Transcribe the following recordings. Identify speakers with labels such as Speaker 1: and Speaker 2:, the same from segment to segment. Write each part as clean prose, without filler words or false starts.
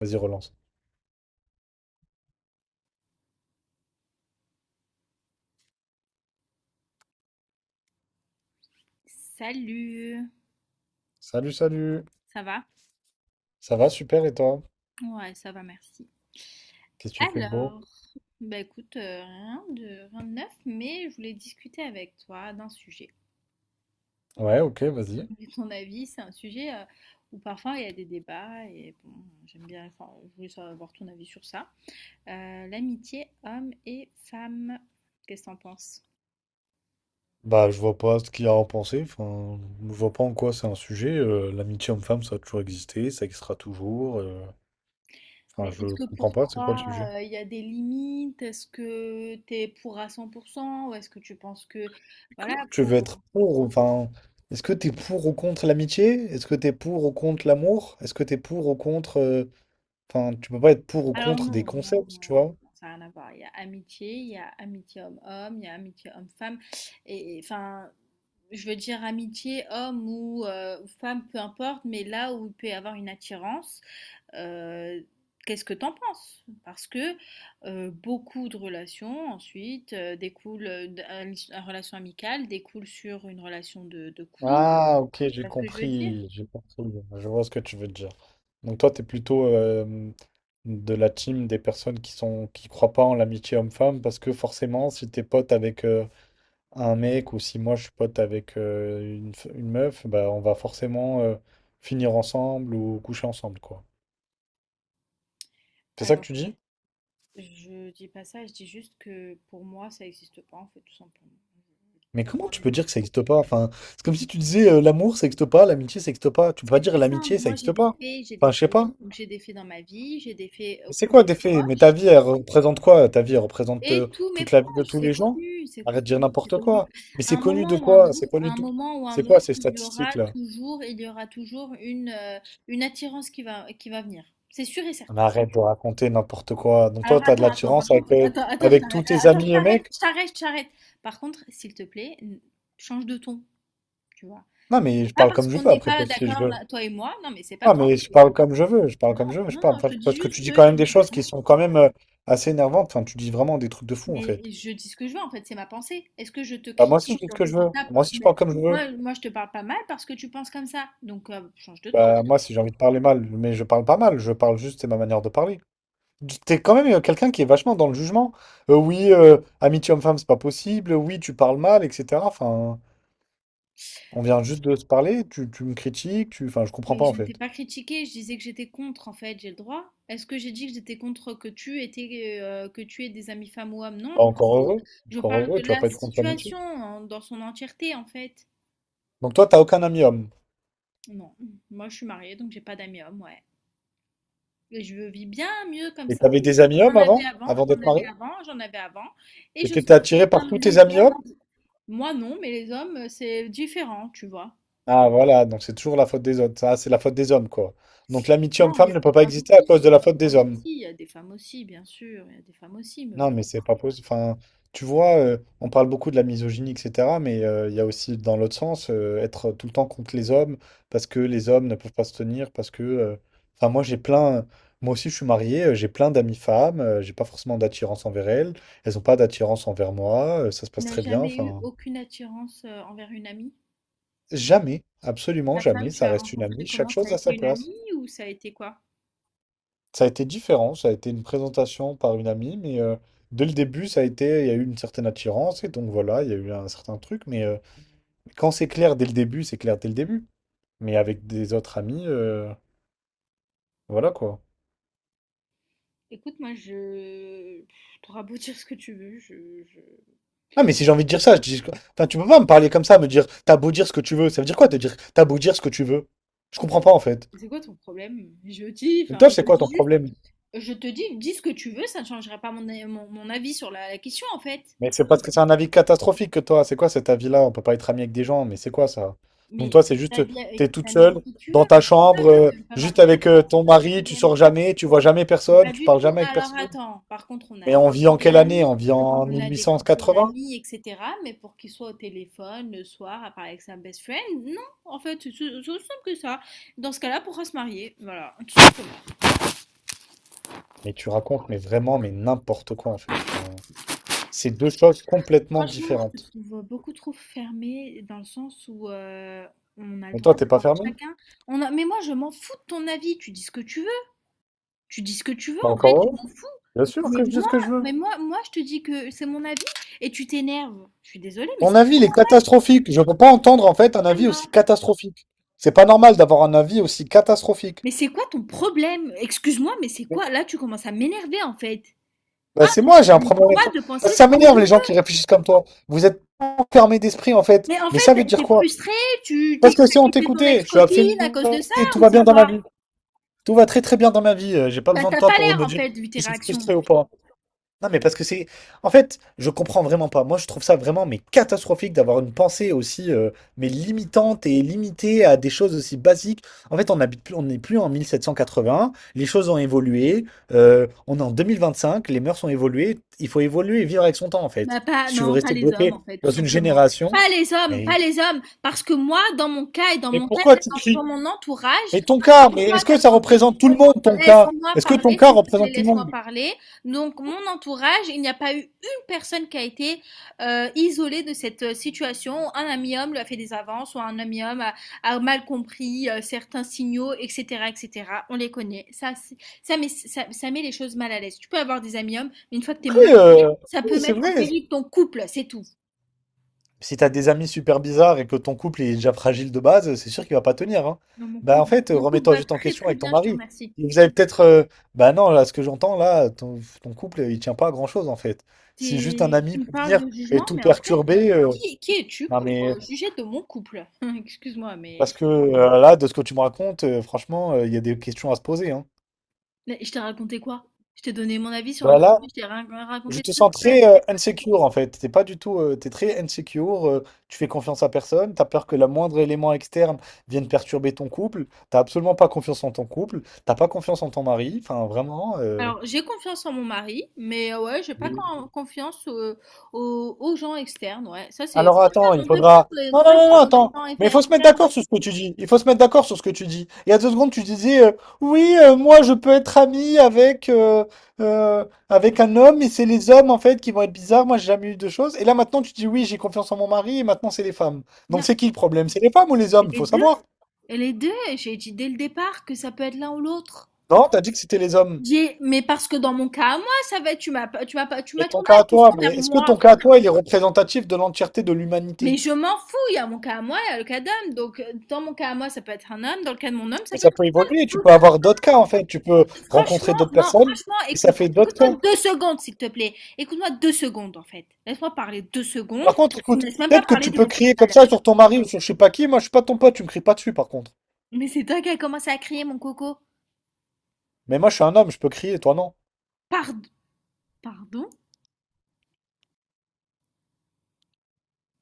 Speaker 1: Vas-y, relance.
Speaker 2: Salut,
Speaker 1: Salut, salut.
Speaker 2: ça va?
Speaker 1: Ça va, super, et toi?
Speaker 2: Ouais, ça va, merci.
Speaker 1: Qu'est-ce que tu fais de beau?
Speaker 2: Alors, bah écoute, rien de, rien de neuf, mais je voulais discuter avec toi d'un sujet.
Speaker 1: Ouais, ok, vas-y.
Speaker 2: Et ton avis, c'est un sujet où parfois il y a des débats et bon, j'aime bien, enfin, je voulais savoir ton avis sur ça. L'amitié homme et femme, qu'est-ce que t'en penses?
Speaker 1: Bah, je vois pas ce qu'il y a à en penser. Enfin, je vois pas en quoi c'est un sujet. L'amitié homme-femme, ça a toujours existé, ça existera toujours. Enfin,
Speaker 2: Mais est-ce
Speaker 1: je
Speaker 2: que
Speaker 1: comprends
Speaker 2: pour
Speaker 1: pas, c'est quoi le
Speaker 2: toi,
Speaker 1: sujet?
Speaker 2: il y a des limites? Est-ce que t'es pour à 100% ou est-ce que tu penses que, voilà,
Speaker 1: Tu
Speaker 2: faut...
Speaker 1: veux être pour, enfin, est-ce que t'es pour ou contre l'amitié? Est-ce que t'es pour ou contre l'amour? Est-ce que t'es pour ou contre, enfin, tu peux pas être pour ou
Speaker 2: Alors
Speaker 1: contre des concepts, tu vois?
Speaker 2: non, ça n'a rien à voir. Il y a amitié, il y a amitié homme-homme, il y a amitié homme-femme. Enfin, je veux dire amitié homme ou femme, peu importe, mais là où il peut y avoir une attirance, euh, qu'est-ce que t'en penses? Parce que beaucoup de relations ensuite découlent d'une relation amicale, découle sur une relation de couple. Tu
Speaker 1: Ah, ok, j'ai
Speaker 2: vois ce que je veux dire?
Speaker 1: compris, j'ai compris. Je vois ce que tu veux dire. Donc toi, t'es plutôt de la team des personnes qui croient pas en l'amitié homme-femme parce que forcément, si t'es pote avec un mec ou si moi je suis pote avec une, une meuf, bah on va forcément finir ensemble ou coucher ensemble, quoi. C'est ça que tu dis?
Speaker 2: Je dis pas ça, je dis juste que pour moi, ça existe pas en fait, tout simplement.
Speaker 1: Mais
Speaker 2: Pas pour
Speaker 1: comment tu
Speaker 2: les
Speaker 1: peux
Speaker 2: autres.
Speaker 1: dire que ça n'existe pas? Enfin, c'est comme si tu disais l'amour ça n'existe pas, l'amitié ça n'existe pas. Tu peux pas
Speaker 2: C'est
Speaker 1: dire
Speaker 2: très simple.
Speaker 1: l'amitié ça
Speaker 2: Moi,
Speaker 1: n'existe pas.
Speaker 2: j'ai
Speaker 1: Enfin,
Speaker 2: des
Speaker 1: je sais pas.
Speaker 2: faits, donc j'ai des faits dans ma vie, j'ai des faits
Speaker 1: Mais c'est
Speaker 2: auprès de
Speaker 1: quoi
Speaker 2: mes
Speaker 1: des faits? Mais ta
Speaker 2: proches
Speaker 1: vie, elle représente quoi? Ta vie, elle représente
Speaker 2: et tous mes
Speaker 1: toute la vie de
Speaker 2: proches,
Speaker 1: tous les gens? Arrête de dire
Speaker 2: c'est
Speaker 1: n'importe
Speaker 2: connu.
Speaker 1: quoi. Mais c'est connu de quoi? C'est connu
Speaker 2: À un
Speaker 1: de tout.
Speaker 2: moment ou un
Speaker 1: C'est quoi
Speaker 2: autre,
Speaker 1: ces
Speaker 2: il y aura
Speaker 1: statistiques-là?
Speaker 2: toujours une attirance qui va venir. C'est sûr et
Speaker 1: Mais
Speaker 2: certain.
Speaker 1: arrête de raconter n'importe quoi. Donc
Speaker 2: Alors
Speaker 1: toi, t'as de
Speaker 2: par
Speaker 1: l'attirance avec,
Speaker 2: contre, je
Speaker 1: avec tous
Speaker 2: t'arrête,
Speaker 1: tes
Speaker 2: attends,
Speaker 1: amis, les mecs?
Speaker 2: je t'arrête. Par contre, s'il te plaît, change de ton, tu vois.
Speaker 1: Non, mais je
Speaker 2: Pas
Speaker 1: parle
Speaker 2: parce
Speaker 1: comme je
Speaker 2: qu'on
Speaker 1: veux
Speaker 2: n'est
Speaker 1: après
Speaker 2: pas
Speaker 1: toi, si je
Speaker 2: d'accord,
Speaker 1: veux.
Speaker 2: là, toi et moi, non, mais c'est pas.
Speaker 1: Non, mais je parle comme je veux, je parle comme je
Speaker 2: Non,
Speaker 1: veux, je
Speaker 2: non,
Speaker 1: parle.
Speaker 2: non, je
Speaker 1: Enfin,
Speaker 2: te dis
Speaker 1: parce que tu
Speaker 2: juste
Speaker 1: dis
Speaker 2: que
Speaker 1: quand
Speaker 2: je.
Speaker 1: même des choses qui sont quand même assez énervantes. Enfin, tu dis vraiment des trucs de fou, en
Speaker 2: Mais
Speaker 1: fait.
Speaker 2: je dis ce que je veux, en fait, c'est ma pensée. Est-ce que je te
Speaker 1: Bah, moi aussi,
Speaker 2: critique
Speaker 1: je dis ce
Speaker 2: sur le
Speaker 1: que
Speaker 2: fait
Speaker 1: je
Speaker 2: de
Speaker 1: veux.
Speaker 2: tape
Speaker 1: Moi aussi, je
Speaker 2: Mais
Speaker 1: parle comme je veux.
Speaker 2: je te parle pas mal parce que tu penses comme ça. Donc, change de ton.
Speaker 1: Bah, moi, si j'ai envie de parler mal, mais je parle pas mal, je parle juste, c'est ma manière de parler. T'es quand même quelqu'un qui est vachement dans le jugement. Oui, amitié homme-femme, c'est pas possible. Oui, tu parles mal, etc. Enfin, on vient juste de se parler, tu me critiques, tu... Enfin, je comprends
Speaker 2: Mais
Speaker 1: pas,
Speaker 2: je
Speaker 1: en
Speaker 2: ne t'ai
Speaker 1: fait.
Speaker 2: pas critiqué, je disais que j'étais contre, en fait, j'ai le droit. Est-ce que j'ai dit que j'étais contre que tu étais, que tu aies des amis femmes ou hommes? Non,
Speaker 1: Bah,
Speaker 2: je m'en fous. Je
Speaker 1: encore
Speaker 2: parle de
Speaker 1: heureux, tu vas
Speaker 2: la
Speaker 1: pas être contre
Speaker 2: situation
Speaker 1: l'amitié.
Speaker 2: dans son entièreté, en fait.
Speaker 1: Donc toi, t'as aucun ami homme.
Speaker 2: Non, moi, je suis mariée, donc j'ai pas d'amis hommes, ouais. Et je vis bien mieux comme
Speaker 1: Et
Speaker 2: ça.
Speaker 1: t'avais des amis hommes avant, avant d'être marié?
Speaker 2: J'en avais avant. Et
Speaker 1: Et
Speaker 2: je
Speaker 1: t'étais
Speaker 2: sens que
Speaker 1: attiré par tous tes
Speaker 2: les
Speaker 1: amis hommes?
Speaker 2: hommes, moi non, mais les hommes, c'est différent, tu vois.
Speaker 1: Ah, voilà, donc c'est toujours la faute des autres. Ça, c'est la faute des hommes, quoi. Donc l'amitié
Speaker 2: Non, il y
Speaker 1: homme-femme
Speaker 2: a
Speaker 1: ne peut
Speaker 2: des
Speaker 1: pas
Speaker 2: femmes
Speaker 1: exister à
Speaker 2: aussi, il y
Speaker 1: cause
Speaker 2: a
Speaker 1: de la
Speaker 2: des
Speaker 1: faute
Speaker 2: femmes
Speaker 1: des hommes.
Speaker 2: aussi, il y a des femmes aussi, bien sûr, il y a des femmes aussi, mais
Speaker 1: Non,
Speaker 2: bon.
Speaker 1: mais c'est pas possible. Enfin, tu vois, on parle beaucoup de la misogynie, etc. Mais il y a aussi, dans l'autre sens, être tout le temps contre les hommes parce que les hommes ne peuvent pas se tenir, parce que. Enfin, moi, j'ai plein. Moi aussi, je suis marié, j'ai plein d'amis femmes, j'ai pas forcément d'attirance envers elles, elles ont pas d'attirance envers moi, ça se
Speaker 2: Tu
Speaker 1: passe
Speaker 2: n'as
Speaker 1: très bien.
Speaker 2: jamais eu
Speaker 1: Enfin,
Speaker 2: aucune attirance envers une amie?
Speaker 1: jamais,
Speaker 2: Et
Speaker 1: absolument
Speaker 2: ta femme,
Speaker 1: jamais,
Speaker 2: tu
Speaker 1: ça
Speaker 2: l'as
Speaker 1: reste une
Speaker 2: rencontrée
Speaker 1: amie, chaque
Speaker 2: comment? Ça a
Speaker 1: chose à
Speaker 2: été
Speaker 1: sa
Speaker 2: une
Speaker 1: place.
Speaker 2: amie ou ça a été quoi?
Speaker 1: Ça a été différent, ça a été une présentation par une amie, dès le début, ça a été, il y a eu une certaine attirance, et donc voilà, il y a eu un certain truc, quand c'est clair dès le début, c'est clair dès le début. Mais avec des autres amis, voilà quoi.
Speaker 2: Écoute, moi, je... T'auras beau dire ce que tu veux,
Speaker 1: Ah mais si j'ai envie de dire ça, je dis... Enfin, tu peux pas me parler comme ça, me dire, t'as beau dire ce que tu veux, ça veut dire quoi te dire, t'as beau dire ce que tu veux? Je comprends
Speaker 2: ouais.
Speaker 1: pas en fait.
Speaker 2: C'est quoi ton problème? Je dis,
Speaker 1: Mais toi,
Speaker 2: enfin,
Speaker 1: c'est
Speaker 2: je te
Speaker 1: quoi ton
Speaker 2: dis
Speaker 1: problème?
Speaker 2: Je te dis, dis ce que tu veux, ça ne changera pas mon avis sur la question en fait.
Speaker 1: Mais c'est parce que c'est un avis catastrophique que toi. C'est quoi cet avis-là? On peut pas être ami avec des gens, mais c'est quoi ça? Donc toi,
Speaker 2: Mais
Speaker 1: c'est
Speaker 2: ta
Speaker 1: juste,
Speaker 2: vie avec,
Speaker 1: t'es
Speaker 2: t'as
Speaker 1: toute
Speaker 2: mis avec
Speaker 1: seule
Speaker 2: qui tu veux,
Speaker 1: dans ta
Speaker 2: mais c'est ça,
Speaker 1: chambre,
Speaker 2: toi, t'es même pas
Speaker 1: juste
Speaker 2: marié
Speaker 1: avec
Speaker 2: avec toi, c'est
Speaker 1: ton
Speaker 2: pas ton
Speaker 1: mari, tu
Speaker 2: problème.
Speaker 1: sors jamais, tu vois jamais
Speaker 2: Mais pas
Speaker 1: personne, tu
Speaker 2: du
Speaker 1: parles
Speaker 2: tout.
Speaker 1: jamais avec
Speaker 2: Alors
Speaker 1: personne.
Speaker 2: attends, par contre,
Speaker 1: Mais on vit en quelle année? On vit en
Speaker 2: on a des couples
Speaker 1: 1880?
Speaker 2: d'amis, etc. Mais pour qu'ils soient au téléphone le soir à parler avec sa best friend, non, en fait, c'est aussi simple que ça. Dans ce cas-là, pourra se marier. Voilà, tout simplement.
Speaker 1: Mais tu racontes, mais vraiment, mais n'importe quoi en fait. Enfin, c'est deux choses complètement
Speaker 2: Franchement, je te
Speaker 1: différentes.
Speaker 2: trouve beaucoup trop fermée dans le sens où on a le
Speaker 1: Mais
Speaker 2: droit
Speaker 1: toi, t'es pas
Speaker 2: d'avoir
Speaker 1: fermé?
Speaker 2: chacun. On a... Mais moi, je m'en fous de ton avis. Tu dis ce que tu veux,
Speaker 1: Bah
Speaker 2: en fait.
Speaker 1: encore
Speaker 2: Je
Speaker 1: heureux.
Speaker 2: m'en fous.
Speaker 1: Bien sûr
Speaker 2: Mais
Speaker 1: que je dis ce
Speaker 2: moi,
Speaker 1: que je veux.
Speaker 2: moi, je te dis que c'est mon avis et tu t'énerves. Je suis désolée, mais c'est
Speaker 1: Ton avis, il est catastrophique. Je peux pas entendre en fait un
Speaker 2: pas
Speaker 1: avis
Speaker 2: là.
Speaker 1: aussi catastrophique. C'est pas normal d'avoir un avis aussi catastrophique.
Speaker 2: Mais c'est quoi ton problème? Excuse-moi, mais c'est
Speaker 1: Mais-
Speaker 2: quoi? Là, tu commences à m'énerver, en fait.
Speaker 1: Bah,
Speaker 2: Ah,
Speaker 1: c'est
Speaker 2: j'ai
Speaker 1: moi, j'ai un
Speaker 2: le
Speaker 1: problème avec
Speaker 2: droit
Speaker 1: toi.
Speaker 2: de
Speaker 1: Parce
Speaker 2: penser
Speaker 1: que ça
Speaker 2: ce que
Speaker 1: m'énerve
Speaker 2: je
Speaker 1: les
Speaker 2: veux.
Speaker 1: gens qui réfléchissent comme toi. Vous êtes enfermés d'esprit en fait.
Speaker 2: Mais en
Speaker 1: Mais ça veut
Speaker 2: fait,
Speaker 1: dire
Speaker 2: t'es
Speaker 1: quoi?
Speaker 2: frustrée, tu
Speaker 1: Parce
Speaker 2: t'es
Speaker 1: que si
Speaker 2: t'as
Speaker 1: on
Speaker 2: quitté ton
Speaker 1: t'écoutait, je suis
Speaker 2: ex-copine à cause
Speaker 1: absolument.
Speaker 2: de ça,
Speaker 1: Tout
Speaker 2: ou
Speaker 1: va
Speaker 2: c'est
Speaker 1: bien dans ma
Speaker 2: quoi?
Speaker 1: vie. Tout va très très bien dans ma vie. J'ai pas
Speaker 2: Bah,
Speaker 1: besoin de
Speaker 2: t'as
Speaker 1: toi
Speaker 2: pas
Speaker 1: pour
Speaker 2: l'air,
Speaker 1: me
Speaker 2: en
Speaker 1: dire si
Speaker 2: fait, vu tes
Speaker 1: je suis
Speaker 2: réactions.
Speaker 1: frustré ou pas. Non, mais parce que c'est. En fait, je comprends vraiment pas. Moi, je trouve ça vraiment mais catastrophique d'avoir une pensée aussi mais limitante et limitée à des choses aussi basiques. En fait, on habite plus, on n'est plus en 1781. Les choses ont évolué. On est en 2025. Les mœurs ont évolué. Il faut évoluer et vivre avec son temps, en
Speaker 2: Bah,
Speaker 1: fait. Si tu veux
Speaker 2: pas
Speaker 1: rester
Speaker 2: les hommes,
Speaker 1: bloqué
Speaker 2: en fait, tout
Speaker 1: dans une
Speaker 2: simplement.
Speaker 1: génération, mais
Speaker 2: Pas les hommes, parce que moi, dans
Speaker 1: mais
Speaker 2: mon cas,
Speaker 1: pourquoi tu
Speaker 2: dans
Speaker 1: cries?
Speaker 2: mon entourage,
Speaker 1: Mais ton cas,
Speaker 2: c'est
Speaker 1: mais
Speaker 2: toi
Speaker 1: est-ce
Speaker 2: qui
Speaker 1: que
Speaker 2: as
Speaker 1: ça
Speaker 2: commencé
Speaker 1: représente tout le
Speaker 2: donc
Speaker 1: monde, ton cas?
Speaker 2: laisse-moi
Speaker 1: Est-ce que ton
Speaker 2: parler,
Speaker 1: cas
Speaker 2: s'il te plaît,
Speaker 1: représente tout le
Speaker 2: laisse-moi
Speaker 1: monde?
Speaker 2: parler. Donc, mon entourage, il n'y a pas eu une personne qui a été isolée de cette situation. Un ami homme lui a fait des avances, ou un ami homme a mal compris certains signaux, etc., etc. On les connaît. Ça met, ça met les choses mal à l'aise. Tu peux avoir des amis hommes, mais une fois que tu es
Speaker 1: Oui,
Speaker 2: ça
Speaker 1: oui,
Speaker 2: peut
Speaker 1: c'est
Speaker 2: mettre en
Speaker 1: vrai.
Speaker 2: péril ton couple, c'est tout.
Speaker 1: Si t'as des amis super bizarres et que ton couple est déjà fragile de base, c'est sûr qu'il va pas tenir, hein.
Speaker 2: Non,
Speaker 1: Bah en fait,
Speaker 2: mon couple
Speaker 1: remets-toi
Speaker 2: va
Speaker 1: juste en
Speaker 2: très,
Speaker 1: question
Speaker 2: très
Speaker 1: avec ton
Speaker 2: bien, je te
Speaker 1: mari.
Speaker 2: remercie.
Speaker 1: Vous avez peut-être, bah non, là, ce que j'entends là, ton couple, il tient pas à grand-chose en fait. Si juste un
Speaker 2: T'es tu
Speaker 1: ami
Speaker 2: me
Speaker 1: peut
Speaker 2: parles
Speaker 1: venir
Speaker 2: de
Speaker 1: et
Speaker 2: jugement,
Speaker 1: tout
Speaker 2: mais en fait,
Speaker 1: perturber,
Speaker 2: qui es-tu
Speaker 1: non
Speaker 2: pour,
Speaker 1: mais
Speaker 2: juger de mon couple? Excuse-moi,
Speaker 1: parce
Speaker 2: mais
Speaker 1: que là, de ce que tu me racontes, franchement, il y a des questions à se poser, hein.
Speaker 2: mais je t'ai raconté quoi? Je t'ai donné mon avis sur un
Speaker 1: Bah
Speaker 2: sujet,
Speaker 1: là,
Speaker 2: je t'ai rien
Speaker 1: je
Speaker 2: raconté de
Speaker 1: te
Speaker 2: plus,
Speaker 1: sens
Speaker 2: en fait.
Speaker 1: très insecure en fait. T'es pas du tout, t'es très insecure. Tu fais confiance à personne. T'as peur que le moindre élément externe vienne perturber ton couple. T'as absolument pas confiance en ton couple. T'as pas confiance en ton mari. Enfin, vraiment.
Speaker 2: Alors, j'ai confiance en mon mari, mais ouais, j'ai pas
Speaker 1: Oui.
Speaker 2: confiance, aux gens externes, ouais. Ça, c'est
Speaker 1: Alors attends, il
Speaker 2: totalement vrai. Pourquoi
Speaker 1: faudra.
Speaker 2: tu aurais
Speaker 1: Non, non, non,
Speaker 2: confiance
Speaker 1: non,
Speaker 2: en des
Speaker 1: attends.
Speaker 2: gens
Speaker 1: Mais il faut se mettre
Speaker 2: externes?
Speaker 1: d'accord sur ce que tu dis. Il faut se mettre d'accord sur ce que tu dis. Il y a deux secondes, tu disais oui, moi je peux être ami avec avec un homme et c'est les hommes en fait qui vont être bizarres. Moi j'ai jamais eu de choses. Et là maintenant tu dis oui, j'ai confiance en mon mari et maintenant c'est les femmes. Donc
Speaker 2: Non,
Speaker 1: c'est qui le problème? C'est les femmes ou les hommes?
Speaker 2: et
Speaker 1: Il
Speaker 2: les
Speaker 1: faut
Speaker 2: 2,
Speaker 1: savoir.
Speaker 2: les 2 j'ai dit dès le départ que ça peut être l'un ou l'autre.
Speaker 1: Non, t'as dit que c'était les hommes.
Speaker 2: J'ai mais parce que dans mon cas à moi, ça va être tu m'as pas, tu m'as pas tu
Speaker 1: Et
Speaker 2: m'as
Speaker 1: ton
Speaker 2: tourné
Speaker 1: cas
Speaker 2: la
Speaker 1: à toi,
Speaker 2: question
Speaker 1: mais
Speaker 2: vers
Speaker 1: est-ce que
Speaker 2: moi.
Speaker 1: ton cas à toi il est représentatif de l'entièreté de
Speaker 2: Mais
Speaker 1: l'humanité?
Speaker 2: je m'en fous, il y a mon cas à moi, il y a le cas d'homme. Donc dans mon cas à moi, ça peut être un homme, dans le cas de mon homme, ça
Speaker 1: Mais
Speaker 2: peut
Speaker 1: ça
Speaker 2: être
Speaker 1: peut évoluer. Tu peux
Speaker 2: tout ça.
Speaker 1: avoir d'autres cas en fait. Tu peux
Speaker 2: Écoute,
Speaker 1: rencontrer
Speaker 2: franchement,
Speaker 1: d'autres
Speaker 2: non,
Speaker 1: personnes
Speaker 2: franchement,
Speaker 1: et ça
Speaker 2: écoute,
Speaker 1: fait d'autres cas.
Speaker 2: écoute-moi 2 secondes, s'il te plaît. Écoute-moi 2 secondes, en fait. Laisse-moi parler 2 secondes.
Speaker 1: Par contre,
Speaker 2: Tu me
Speaker 1: écoute,
Speaker 2: laisses même pas
Speaker 1: peut-être que
Speaker 2: parler
Speaker 1: tu peux
Speaker 2: depuis
Speaker 1: crier
Speaker 2: tout à
Speaker 1: comme
Speaker 2: l'heure.
Speaker 1: ça sur ton mari ou sur je sais pas qui. Moi, je suis pas ton pote, tu me cries pas dessus, par contre.
Speaker 2: Mais c'est toi qui as commencé à crier, mon coco.
Speaker 1: Mais moi, je suis un homme, je peux crier, toi non.
Speaker 2: Pard pardon?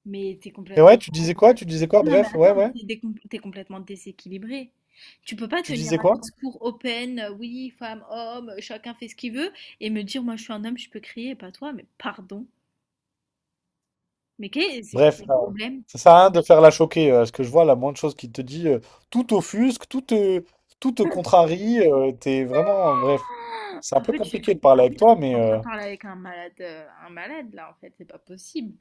Speaker 2: Mais t'es es
Speaker 1: Et
Speaker 2: complètement
Speaker 1: ouais, tu disais quoi? Tu disais quoi?
Speaker 2: Non, mais
Speaker 1: Bref,
Speaker 2: attends,
Speaker 1: ouais,
Speaker 2: mais
Speaker 1: ouais.
Speaker 2: t'es complètement déséquilibré. Tu peux pas
Speaker 1: Tu
Speaker 2: tenir
Speaker 1: disais
Speaker 2: un
Speaker 1: quoi?
Speaker 2: discours open, oui, femme, homme, chacun fait ce qu'il veut, et me dire, moi je suis un homme, je peux crier, pas toi, mais pardon. Mais c'est quoi
Speaker 1: Bref,
Speaker 2: le
Speaker 1: euh,
Speaker 2: problème?
Speaker 1: ça sert à rien de faire la choquer. Ce que je vois, la moindre chose qui te dit, tout t'offusque, tout te contrarie. T'es vraiment, bref. C'est un
Speaker 2: En
Speaker 1: peu
Speaker 2: fait, je
Speaker 1: compliqué de
Speaker 2: je
Speaker 1: parler avec toi,
Speaker 2: suis en train de parler avec un malade là, en fait, c'est pas possible.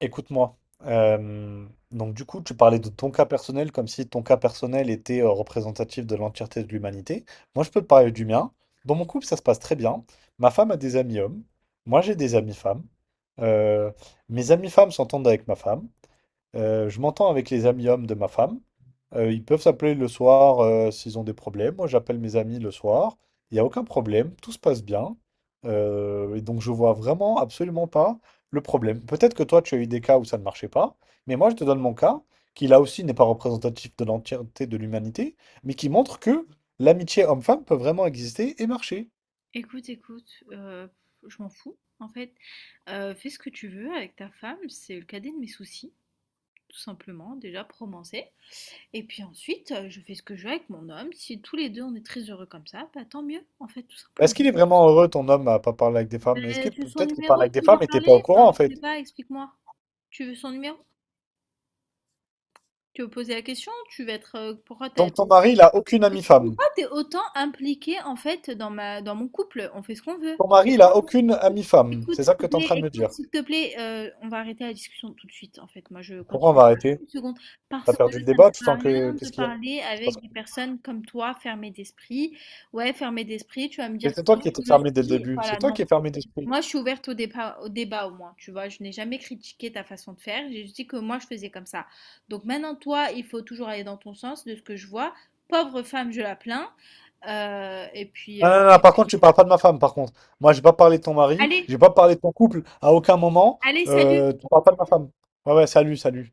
Speaker 1: écoute-moi. Donc du coup, tu parlais de ton cas personnel comme si ton cas personnel était représentatif de l'entièreté de l'humanité. Moi, je peux te parler du mien. Dans mon couple, ça se passe très bien. Ma femme a des amis hommes. Moi, j'ai des amis femmes. Euh, mes amis femmes s'entendent avec ma femme. Je m'entends avec les amis hommes de ma femme. Ils peuvent s'appeler le soir s'ils ont des problèmes. Moi, j'appelle mes amis le soir. Il n'y a aucun problème. Tout se passe bien. Et donc, je vois vraiment absolument pas le problème. Peut-être que toi, tu as eu des cas où ça ne marchait pas. Mais moi, je te donne mon cas, qui là aussi n'est pas représentatif de l'entièreté de l'humanité, mais qui montre que l'amitié homme-femme peut vraiment exister et marcher.
Speaker 2: Écoute, écoute, je m'en fous, en fait. Fais ce que tu veux avec ta femme, c'est le cadet de mes soucis, tout simplement, déjà, pour commencer. Et puis ensuite, je fais ce que je veux avec mon homme. Si tous les 2 on est très heureux comme ça, bah, tant mieux, en fait, tout
Speaker 1: Bah, est-ce qu'il
Speaker 2: simplement.
Speaker 1: est vraiment heureux, ton homme, à pas parler avec des femmes? Est-ce
Speaker 2: Beh,
Speaker 1: qu'il
Speaker 2: tu veux son
Speaker 1: peut-être qu'il
Speaker 2: numéro?
Speaker 1: parle
Speaker 2: Tu
Speaker 1: avec des
Speaker 2: veux
Speaker 1: femmes
Speaker 2: lui
Speaker 1: et t'es pas au
Speaker 2: parler?
Speaker 1: courant,
Speaker 2: Enfin,
Speaker 1: en
Speaker 2: je
Speaker 1: fait?
Speaker 2: sais pas, explique-moi. Tu veux son numéro? Tu veux poser la question? Tu veux être,
Speaker 1: Donc ton mari, il a aucune amie femme.
Speaker 2: pourquoi t'es autant impliquée, en fait, dans ma dans mon couple? On fait ce qu'on veut.
Speaker 1: Ton mari, il a aucune amie femme.
Speaker 2: Écoute,
Speaker 1: C'est ça que t'es en train de me dire.
Speaker 2: s'il te plaît, on va arrêter la discussion tout de suite, en fait. Moi, je
Speaker 1: Pourquoi on
Speaker 2: continue
Speaker 1: va
Speaker 2: pas
Speaker 1: arrêter?
Speaker 2: 1 seconde
Speaker 1: T'as
Speaker 2: parce que
Speaker 1: perdu le
Speaker 2: ça ne
Speaker 1: débat,
Speaker 2: sert
Speaker 1: tu
Speaker 2: à
Speaker 1: sens que...
Speaker 2: rien de
Speaker 1: Qu'est-ce qu'il y a?
Speaker 2: parler
Speaker 1: C'est parce
Speaker 2: avec
Speaker 1: que
Speaker 2: des
Speaker 1: quoi.
Speaker 2: personnes comme toi, fermées d'esprit. Ouais, fermées d'esprit, tu vas me dire que
Speaker 1: C'est
Speaker 2: c'est
Speaker 1: toi
Speaker 2: moi
Speaker 1: qui étais
Speaker 2: qui le
Speaker 1: fermé dès le
Speaker 2: suis,
Speaker 1: début. C'est
Speaker 2: voilà,
Speaker 1: toi
Speaker 2: non.
Speaker 1: qui es fermé d'esprit.
Speaker 2: Moi, je suis ouverte au débat au moins, tu vois? Je n'ai jamais critiqué ta façon de faire, j'ai juste dit que moi, je faisais comme ça. Donc maintenant, toi, il faut toujours aller dans ton sens, de ce que je vois. Pauvre femme, je la plains, et puis,
Speaker 1: Ah, non, non, non, par contre, tu parles pas de ma femme, par contre. Moi, j'ai pas parlé de ton mari,
Speaker 2: allez,
Speaker 1: j'ai pas parlé de ton couple à aucun moment.
Speaker 2: allez, salut!
Speaker 1: Tu parles pas de ma femme. Ouais, ouais, salut, salut.